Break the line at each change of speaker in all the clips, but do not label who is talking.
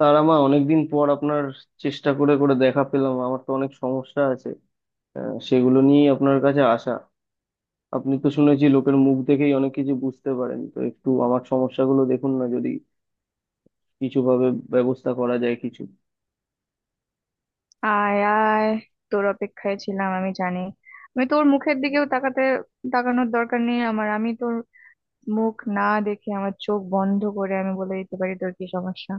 তারা মা, অনেকদিন পর আপনার চেষ্টা করে করে দেখা পেলাম। আমার তো অনেক সমস্যা আছে, সেগুলো নিয়েই আপনার কাছে আসা। আপনি তো শুনেছি লোকের মুখ দেখেই অনেক কিছু বুঝতে পারেন, তো একটু আমার সমস্যাগুলো দেখুন না, যদি কিছু ভাবে ব্যবস্থা করা যায় কিছু।
আয় আয়, তোর অপেক্ষায় ছিলাম। আমি জানি আমি তোর মুখের দিকেও তাকানোর দরকার নেই আমার। আমি তোর মুখ না দেখে আমার চোখ বন্ধ করে আমি বলে দিতে পারি তোর কি সমস্যা।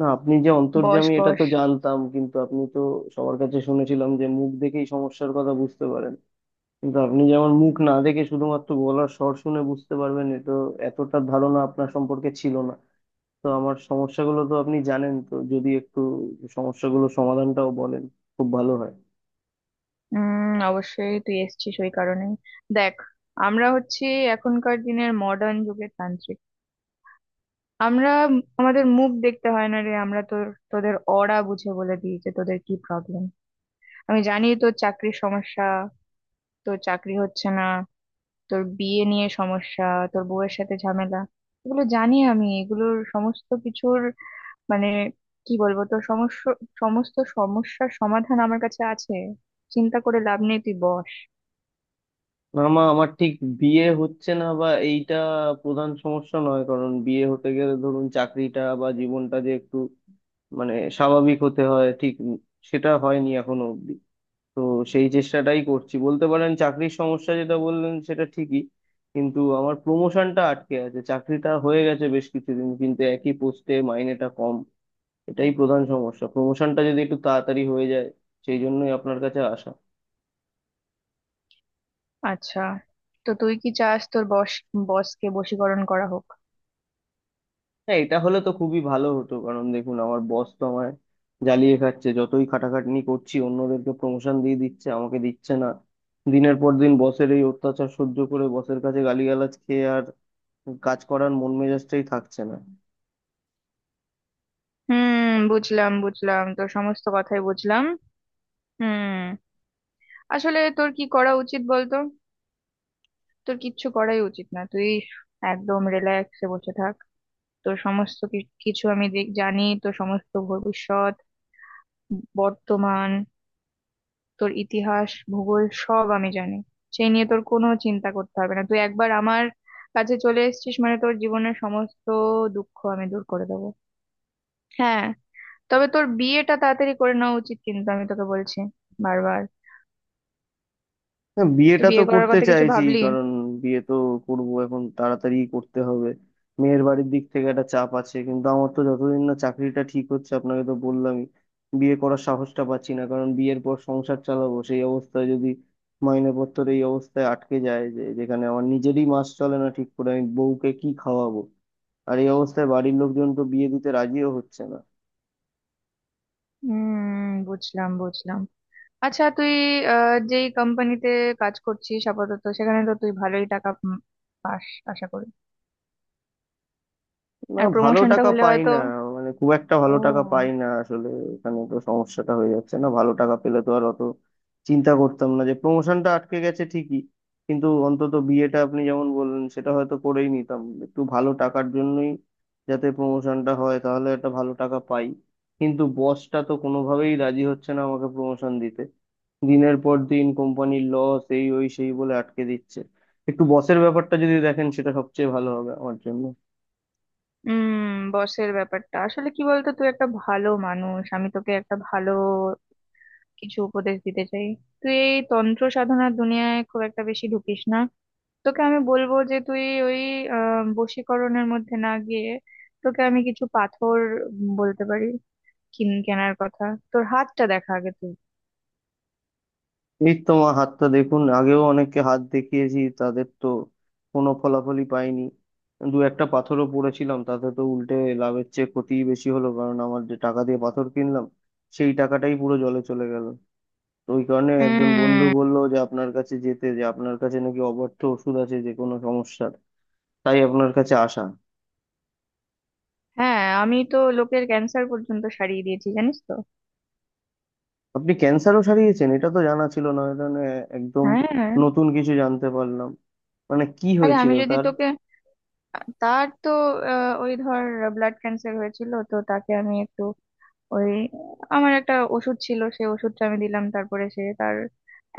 না, আপনি যে
বস
অন্তর্যামী এটা
বস।
তো জানতাম, কিন্তু আপনি তো সবার কাছে শুনেছিলাম যে মুখ দেখেই সমস্যার কথা বুঝতে পারেন, কিন্তু আপনি যে আমার মুখ না দেখে শুধুমাত্র গলার স্বর শুনে বুঝতে পারবেন, এটা এতটা ধারণা আপনার সম্পর্কে ছিল না। তো আমার সমস্যাগুলো তো আপনি জানেন, তো যদি একটু সমস্যাগুলো সমাধানটাও বলেন খুব ভালো হয়।
অবশ্যই তুই এসেছিস ওই কারণে। দেখ, আমরা হচ্ছি এখনকার দিনের মডার্ন যুগের তান্ত্রিক। আমরা আমাদের মুখ দেখতে হয় না রে, আমরা তোদের অরা বুঝে বলে দিই যে তোদের কি প্রবলেম। আমি জানি তোর চাকরির সমস্যা, তোর চাকরি হচ্ছে না, তোর বিয়ে নিয়ে সমস্যা, তোর বউয়ের সাথে ঝামেলা। এগুলো জানি আমি। এগুলোর সমস্ত কিছুর মানে কি বলবো, তোর সমস্যা, সমস্ত সমস্যার সমাধান আমার কাছে আছে। চিন্তা করে লাভ নেই, তুই বস।
না মা, আমার ঠিক বিয়ে হচ্ছে না বা এইটা প্রধান সমস্যা নয়, কারণ বিয়ে হতে গেলে ধরুন চাকরিটা বা জীবনটা যে একটু মানে স্বাভাবিক হতে হয়, ঠিক সেটা হয়নি এখনো অব্দি। তো সেই চেষ্টাটাই করছি বলতে পারেন। চাকরির সমস্যা যেটা বললেন সেটা ঠিকই, কিন্তু আমার প্রমোশনটা আটকে আছে, চাকরিটা হয়ে গেছে বেশ কিছুদিন কিন্তু একই পোস্টে মাইনেটা কম। এটাই প্রধান সমস্যা, প্রমোশনটা যদি একটু তাড়াতাড়ি হয়ে যায়, সেই জন্যই আপনার কাছে আসা।
আচ্ছা, তো তুই কি চাস, তোর বসকে বশীকরণ করা হোক?
হ্যাঁ, এটা হলে তো খুবই ভালো হতো, কারণ দেখুন আমার বস তো আমায় জ্বালিয়ে খাচ্ছে, যতই খাটাখাটনি করছি অন্যদেরকে প্রমোশন দিয়ে দিচ্ছে আমাকে দিচ্ছে না। দিনের পর দিন বসের এই অত্যাচার সহ্য করে বসের কাছে গালিগালাজ খেয়ে আর কাজ করার মন মেজাজটাই থাকছে না।
হুম, বুঝলাম বুঝলাম তোর সমস্ত কথাই বুঝলাম। হুম, আসলে তোর কি করা উচিত বলতো? তোর কিচ্ছু করাই উচিত না, তুই একদম রিল্যাক্সে বসে থাক। তো সমস্ত কিছু আমি জানি তো। সমস্ত ভবিষ্যৎ, বর্তমান, তোর ইতিহাস ভূগোল সব আমি জানি। সেই নিয়ে তোর কোনো চিন্তা করতে হবে না, তুই একবার আমার কাছে চলে এসেছিস মানে তোর জীবনের সমস্ত দুঃখ আমি দূর করে দেবো। হ্যাঁ, তবে তোর বিয়েটা তাড়াতাড়ি করে নেওয়া উচিত, কিন্তু আমি তোকে বলছি বারবার।
না,
তুই
বিয়েটা তো
বিয়ে করার
করতে
কথা কিছু
চাইছি,
ভাবলি?
কারণ বিয়ে তো করব এখন, তাড়াতাড়ি করতে হবে। মেয়ের বাড়ির দিক থেকে একটা চাপ আছে, কিন্তু আমার তো যতদিন না চাকরিটা ঠিক হচ্ছে, আপনাকে তো বললামই, বিয়ে করার সাহসটা পাচ্ছি না। কারণ বিয়ের পর সংসার চালাবো, সেই অবস্থায় যদি মাইনেপত্র এই অবস্থায় আটকে যায়, যে যেখানে আমার নিজেরই মাস চলে না ঠিক করে, আমি বউকে কি খাওয়াবো? আর এই অবস্থায় বাড়ির লোকজন তো বিয়ে দিতে রাজিও হচ্ছে না।
হুম, বুঝলাম বুঝলাম। আচ্ছা, তুই যেই কোম্পানিতে কাজ করছিস আপাতত সেখানে তো তুই ভালোই টাকা পাস আশা করি।
না,
আর
ভালো
প্রমোশনটা
টাকা
হলে
পাই
হয়তো।
না, মানে খুব একটা ভালো টাকা পাই
ও।
না আসলে। এখানে তো সমস্যাটা হয়ে যাচ্ছে, না ভালো টাকা পেলে তো আর অত চিন্তা করতাম না, যে প্রমোশনটা আটকে গেছে ঠিকই, কিন্তু অন্তত বিয়েটা আপনি যেমন বললেন সেটা হয়তো করেই নিতাম। একটু ভালো টাকার জন্যই, যাতে প্রমোশনটা হয় তাহলে একটা ভালো টাকা পাই, কিন্তু বসটা তো কোনোভাবেই রাজি হচ্ছে না আমাকে প্রমোশন দিতে। দিনের পর দিন কোম্পানির লস, এই ওই সেই বলে আটকে দিচ্ছে। একটু বসের ব্যাপারটা যদি দেখেন সেটা সবচেয়ে ভালো হবে আমার জন্য।
বসের ব্যাপারটা আসলে কি বলতো, তুই একটা ভালো মানুষ, আমি তোকে একটা ভালো কিছু উপদেশ দিতে চাই। তুই এই তন্ত্র সাধনার দুনিয়ায় খুব একটা বেশি ঢুকিস না। তোকে আমি বলবো যে তুই ওই বশীকরণের মধ্যে না গিয়ে, তোকে আমি কিছু পাথর বলতে পারি কিন কেনার কথা। তোর হাতটা দেখা আগে তুই।
এই তো মা, হাতটা দেখুন। আগেও অনেককে হাত দেখিয়েছি, তাদের তো কোনো ফলাফলই পাইনি। দু একটা পাথরও পড়েছিলাম, তাতে তো উল্টে লাভের চেয়ে ক্ষতিই বেশি হলো, কারণ আমার যে টাকা দিয়ে পাথর কিনলাম সেই টাকাটাই পুরো জলে চলে গেল। তো ওই কারণে একজন বন্ধু
উম
বলল যে আপনার কাছে যেতে, যে আপনার কাছে নাকি অব্যর্থ ওষুধ আছে যে কোনো সমস্যার, তাই আপনার কাছে আসা।
হ্যাঁ, আমি তো লোকের ক্যান্সার পর্যন্ত সারিয়ে দিয়েছি জানিস তো।
আপনি ক্যান্সারও সারিয়েছেন এটা তো জানা ছিল না, এটা নিয়ে একদম
হ্যাঁ।
নতুন কিছু জানতে পারলাম। মানে কি
আরে
হয়েছিল
আমি যদি
তার?
তোকে, তার তো ওই ধর ব্লাড ক্যান্সার হয়েছিল, তো তাকে আমি একটু ওই আমার একটা ওষুধ ছিল, সে ওষুধটা আমি দিলাম, তারপরে সে তার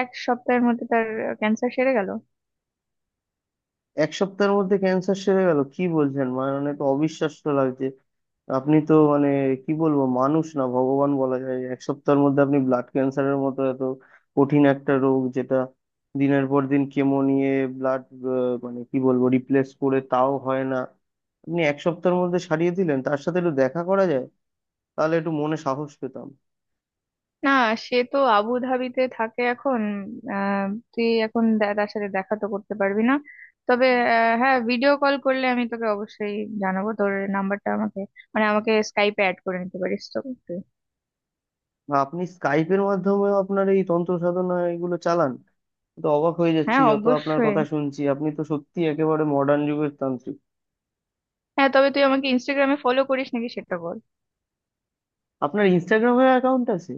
এক সপ্তাহের মধ্যে তার ক্যান্সার সেরে গেল।
এক সপ্তাহের মধ্যে ক্যান্সার সেরে গেল, কি বলছেন? মানে তো অবিশ্বাস্য লাগছে। আপনি তো মানে কি বলবো, মানুষ না ভগবান বলা যায়। এক সপ্তাহের মধ্যে আপনি ব্লাড ক্যান্সারের মতো এত কঠিন একটা রোগ, যেটা দিনের পর দিন কেমো নিয়ে ব্লাড মানে কি বলবো রিপ্লেস করে তাও হয় না, আপনি এক সপ্তাহের মধ্যে সারিয়ে দিলেন। তার সাথে একটু দেখা করা যায়? তাহলে একটু মনে সাহস পেতাম।
না, সে তো আবু ধাবিতে থাকে এখন। আহ তুই এখন তার সাথে দেখা তো করতে পারবি না। তবে হ্যাঁ, ভিডিও কল করলে আমি তোকে অবশ্যই জানাবো। তোর নাম্বারটা আমাকে, মানে আমাকে স্কাইপে অ্যাড করে নিতে পারিস তো তুই।
বা আপনি স্কাইপের মাধ্যমেও আপনার এই তন্ত্র সাধনা এগুলো চালান? তো অবাক হয়ে যাচ্ছি,
হ্যাঁ
যত আপনার
অবশ্যই।
কথা শুনছি আপনি তো সত্যি একেবারে মডার্ন যুগের তান্ত্রিক।
হ্যাঁ, তবে তুই আমাকে ইনস্টাগ্রামে ফলো করিস নাকি সেটা বল।
আপনার ইনস্টাগ্রামে অ্যাকাউন্ট আছে?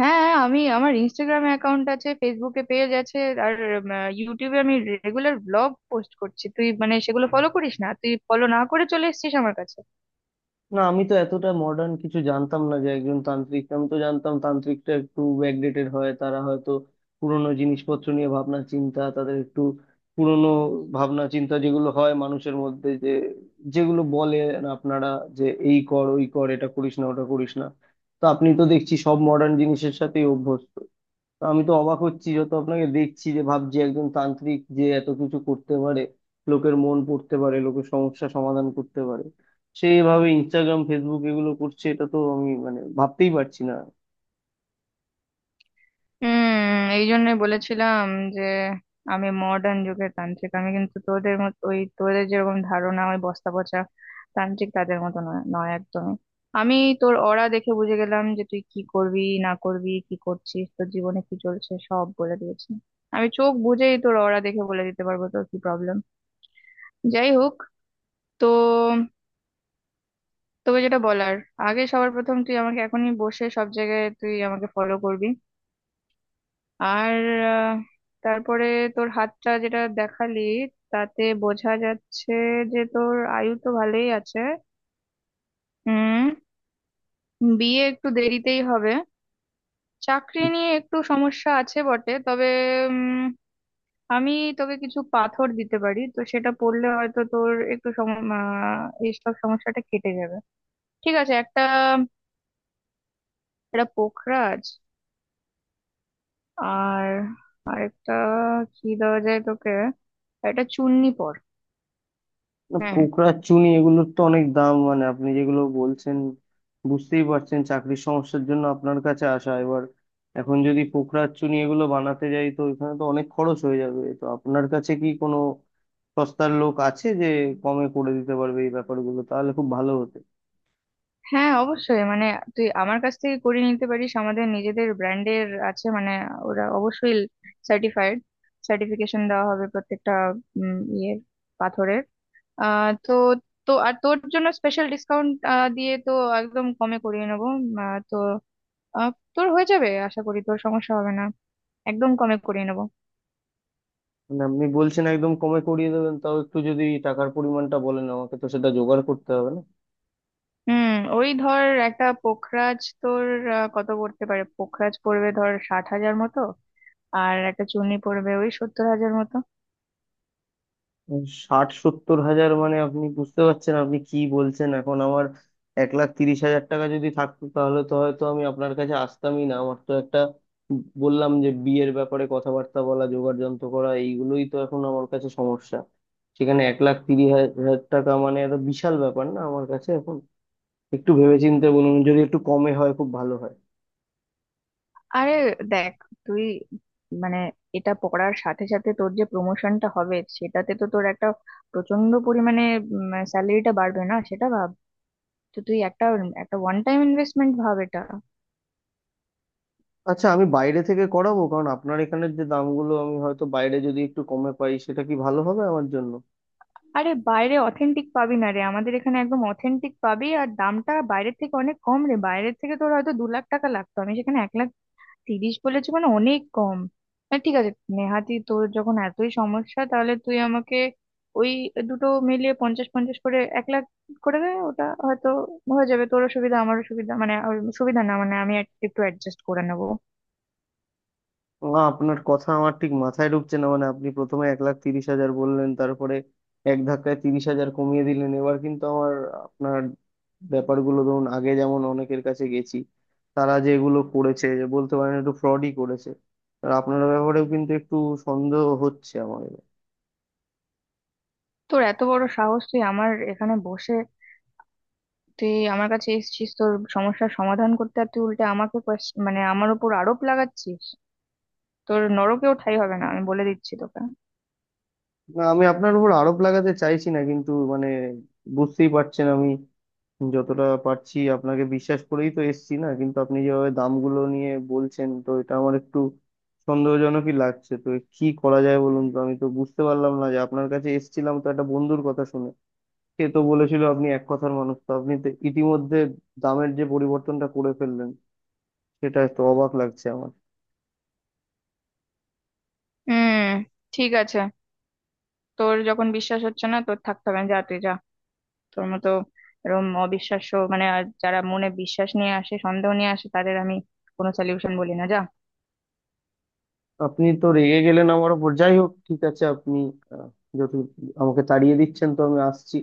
হ্যাঁ, আমি আমার ইনস্টাগ্রামে অ্যাকাউন্ট আছে, ফেসবুকে পেজ আছে। আর ইউটিউবে আমি রেগুলার ব্লগ পোস্ট করছি। তুই মানে সেগুলো ফলো করিস না, তুই ফলো না করে চলে এসেছিস আমার কাছে।
না, আমি তো এতটা মডার্ন কিছু জানতাম না যে একজন তান্ত্রিক। আমি তো জানতাম তান্ত্রিকটা একটু ব্যাকডেটেড হয়, তারা হয়তো পুরনো জিনিসপত্র নিয়ে ভাবনা চিন্তা, তাদের একটু পুরনো ভাবনা চিন্তা যেগুলো হয় মানুষের মধ্যে, যে যেগুলো বলে আপনারা, যে এই কর ওই কর, এটা করিস না ওটা করিস না। তো আপনি তো দেখছি সব মডার্ন জিনিসের সাথেই অভ্যস্ত। তো আমি তো অবাক হচ্ছি, যত আপনাকে দেখছি যে ভাবছি একজন তান্ত্রিক যে এত কিছু করতে পারে, লোকের মন পড়তে পারে, লোকের সমস্যা সমাধান করতে পারে, সে এভাবে ইনস্টাগ্রাম ফেসবুক এগুলো করছে, এটা তো আমি মানে ভাবতেই পারছি না।
হুম, এই জন্যই বলেছিলাম যে আমি মডার্ন যুগের তান্ত্রিক। আমি কিন্তু তোদের মত ওই তোদের যেরকম ধারণা ওই বস্তা পচা তান্ত্রিক, তাদের মতো নয়, নয় একদমই। আমি তোর অরা দেখে বুঝে গেলাম যে তুই কি করবি না করবি, কি করছিস, তোর জীবনে কি চলছে সব বলে দিয়েছি। আমি চোখ বুঝেই তোর অরা দেখে বলে দিতে পারবো তোর কি প্রবলেম। যাই হোক, তো তোকে যেটা বলার, আগে সবার প্রথম তুই আমাকে এখনই বসে সব জায়গায় তুই আমাকে ফলো করবি। আর আহ, তারপরে তোর হাতটা যেটা দেখালি, তাতে বোঝা যাচ্ছে যে তোর আয়ু তো ভালোই আছে। হুম, বিয়ে একটু দেরিতেই হবে, চাকরি নিয়ে একটু সমস্যা আছে বটে, তবে উম, আমি তোকে কিছু পাথর দিতে পারি তো, সেটা পড়লে হয়তো তোর একটু এইসব সমস্যাটা কেটে যাবে। ঠিক আছে, একটা এটা পোখরাজ, আর আরেকটা কি দেওয়া যায় তোকে, একটা চুন্নি পর।
না,
হ্যাঁ,
পোকড়া চুনি এগুলোর তো অনেক দাম, মানে আপনি যেগুলো বলছেন। বুঝতেই পারছেন চাকরির সমস্যার জন্য আপনার কাছে আসা, এবার এখন যদি পোকড়া চুনি এগুলো বানাতে যাই তো এখানে তো অনেক খরচ হয়ে যাবে। তো আপনার কাছে কি কোনো সস্তার লোক আছে যে কমে করে দিতে পারবে এই ব্যাপারগুলো, তাহলে খুব ভালো হতো।
হ্যাঁ অবশ্যই, মানে তুই আমার কাছ থেকে করে নিতে পারিস। আমাদের নিজেদের ব্র্যান্ডের আছে, মানে ওরা অবশ্যই সার্টিফাইড, সার্টিফিকেশন দেওয়া হবে প্রত্যেকটা ইয়ের পাথরের। তো তো আর তোর জন্য স্পেশাল ডিসকাউন্ট দিয়ে তো একদম কমে করিয়ে নেবো। তো তোর হয়ে যাবে, আশা করি তোর সমস্যা হবে না। একদম কমে করিয়ে নেবো।
মানে আপনি বলছেন একদম কমে করিয়ে দেবেন, তাও একটু যদি টাকার পরিমাণটা বলেন আমাকে তো সেটা জোগাড় করতে হবে না?
হুম, ওই ধর একটা পোখরাজ তোর কত পড়তে পারে, পোখরাজ পড়বে ধর 60,000 মতো, আর একটা চুনি পড়বে ওই 70,000 মতো।
ষাট সত্তর হাজার, মানে আপনি বুঝতে পারছেন আপনি কি বলছেন? এখন আমার 1,30,000 টাকা যদি থাকতো তাহলে তো হয়তো আমি আপনার কাছে আসতামই না। আমার তো একটা বললাম যে বিয়ের ব্যাপারে কথাবার্তা বলা, জোগাড় যন্ত্র করা, এইগুলোই তো এখন আমার কাছে সমস্যা। সেখানে 1,30,000 টাকা মানে একটা বিশাল ব্যাপার, না আমার কাছে এখন। একটু ভেবেচিন্তে বলুন, যদি একটু কমে হয় খুব ভালো হয়।
আরে দেখ, তুই মানে এটা পড়ার সাথে সাথে তোর যে প্রমোশনটা হবে সেটাতে তো তোর একটা প্রচন্ড পরিমাণে স্যালারিটা বাড়বে না সেটা ভাব। তো তুই একটা একটা ওয়ান টাইম ইনভেস্টমেন্ট ভাব এটা।
আচ্ছা, আমি বাইরে থেকে করাবো, কারণ আপনার এখানের যে দামগুলো, আমি হয়তো বাইরে যদি একটু কমে পাই সেটা কি ভালো হবে আমার জন্য?
আরে বাইরে অথেন্টিক পাবি না রে, আমাদের এখানে একদম অথেন্টিক পাবি, আর দামটা বাইরের থেকে অনেক কম রে। বাইরের থেকে তোর হয়তো 2 লাখ টাকা লাগতো, আমি সেখানে 1,30,000 বলেছো মানে অনেক কম। হ্যাঁ ঠিক আছে, নেহাতি তোর যখন এতই সমস্যা তাহলে তুই আমাকে ওই দুটো মিলিয়ে 50, 50 করে 1,00,000 করে দে, ওটা হয়তো হয়ে যাবে। তোরও সুবিধা আমারও সুবিধা, মানে আর সুবিধা না, মানে আমি একটু অ্যাডজাস্ট করে নেবো।
না, আপনার কথা আমার ঠিক মাথায় ঢুকছে না, মানে আপনি প্রথমে 1,30,000 বললেন তারপরে এক ধাক্কায় 30,000 কমিয়ে দিলেন। এবার কিন্তু আমার আপনার ব্যাপারগুলো, ধরুন আগে যেমন অনেকের কাছে গেছি, তারা যে এগুলো করেছে যে বলতে পারেন একটু ফ্রডই করেছে, আর আপনার ব্যাপারেও কিন্তু একটু সন্দেহ হচ্ছে আমার এবার।
তোর এত বড় সাহস তুই আমার এখানে বসে, তুই আমার কাছে এসেছিস তোর সমস্যার সমাধান করতে, আর তুই উল্টে আমাকে মানে আমার উপর আরোপ লাগাচ্ছিস! তোর নরকেও ঠাঁই হবে না, আমি বলে দিচ্ছি তোকে।
না, আমি আপনার উপর আরোপ লাগাতে চাইছি না, কিন্তু মানে বুঝতেই পারছেন আমি যতটা পারছি আপনাকে বিশ্বাস করেই তো এসছি। না, কিন্তু আপনি যেভাবে দামগুলো নিয়ে বলছেন, তো এটা আমার একটু সন্দেহজনকই লাগছে। তো কি করা যায় বলুন তো, আমি তো বুঝতে পারলাম না। যে আপনার কাছে এসছিলাম তো একটা বন্ধুর কথা শুনে, সে তো বলেছিল আপনি এক কথার মানুষ, তো আপনি তো ইতিমধ্যে দামের যে পরিবর্তনটা করে ফেললেন সেটা তো অবাক লাগছে আমার।
হুম, ঠিক আছে, তোর যখন বিশ্বাস হচ্ছে না, তোর থাকতে হবে না, যা, তুই যা। তোর মতো এরকম অবিশ্বাস্য, মানে আর যারা মনে বিশ্বাস নিয়ে আসে সন্দেহ নিয়ে আসে তাদের আমি কোনো সলিউশন বলি না, যা।
আপনি তো রেগে গেলেন আমার ওপর, যাই হোক ঠিক আছে আপনি, আহ, যত আমাকে তাড়িয়ে দিচ্ছেন, তো আমি আসছি।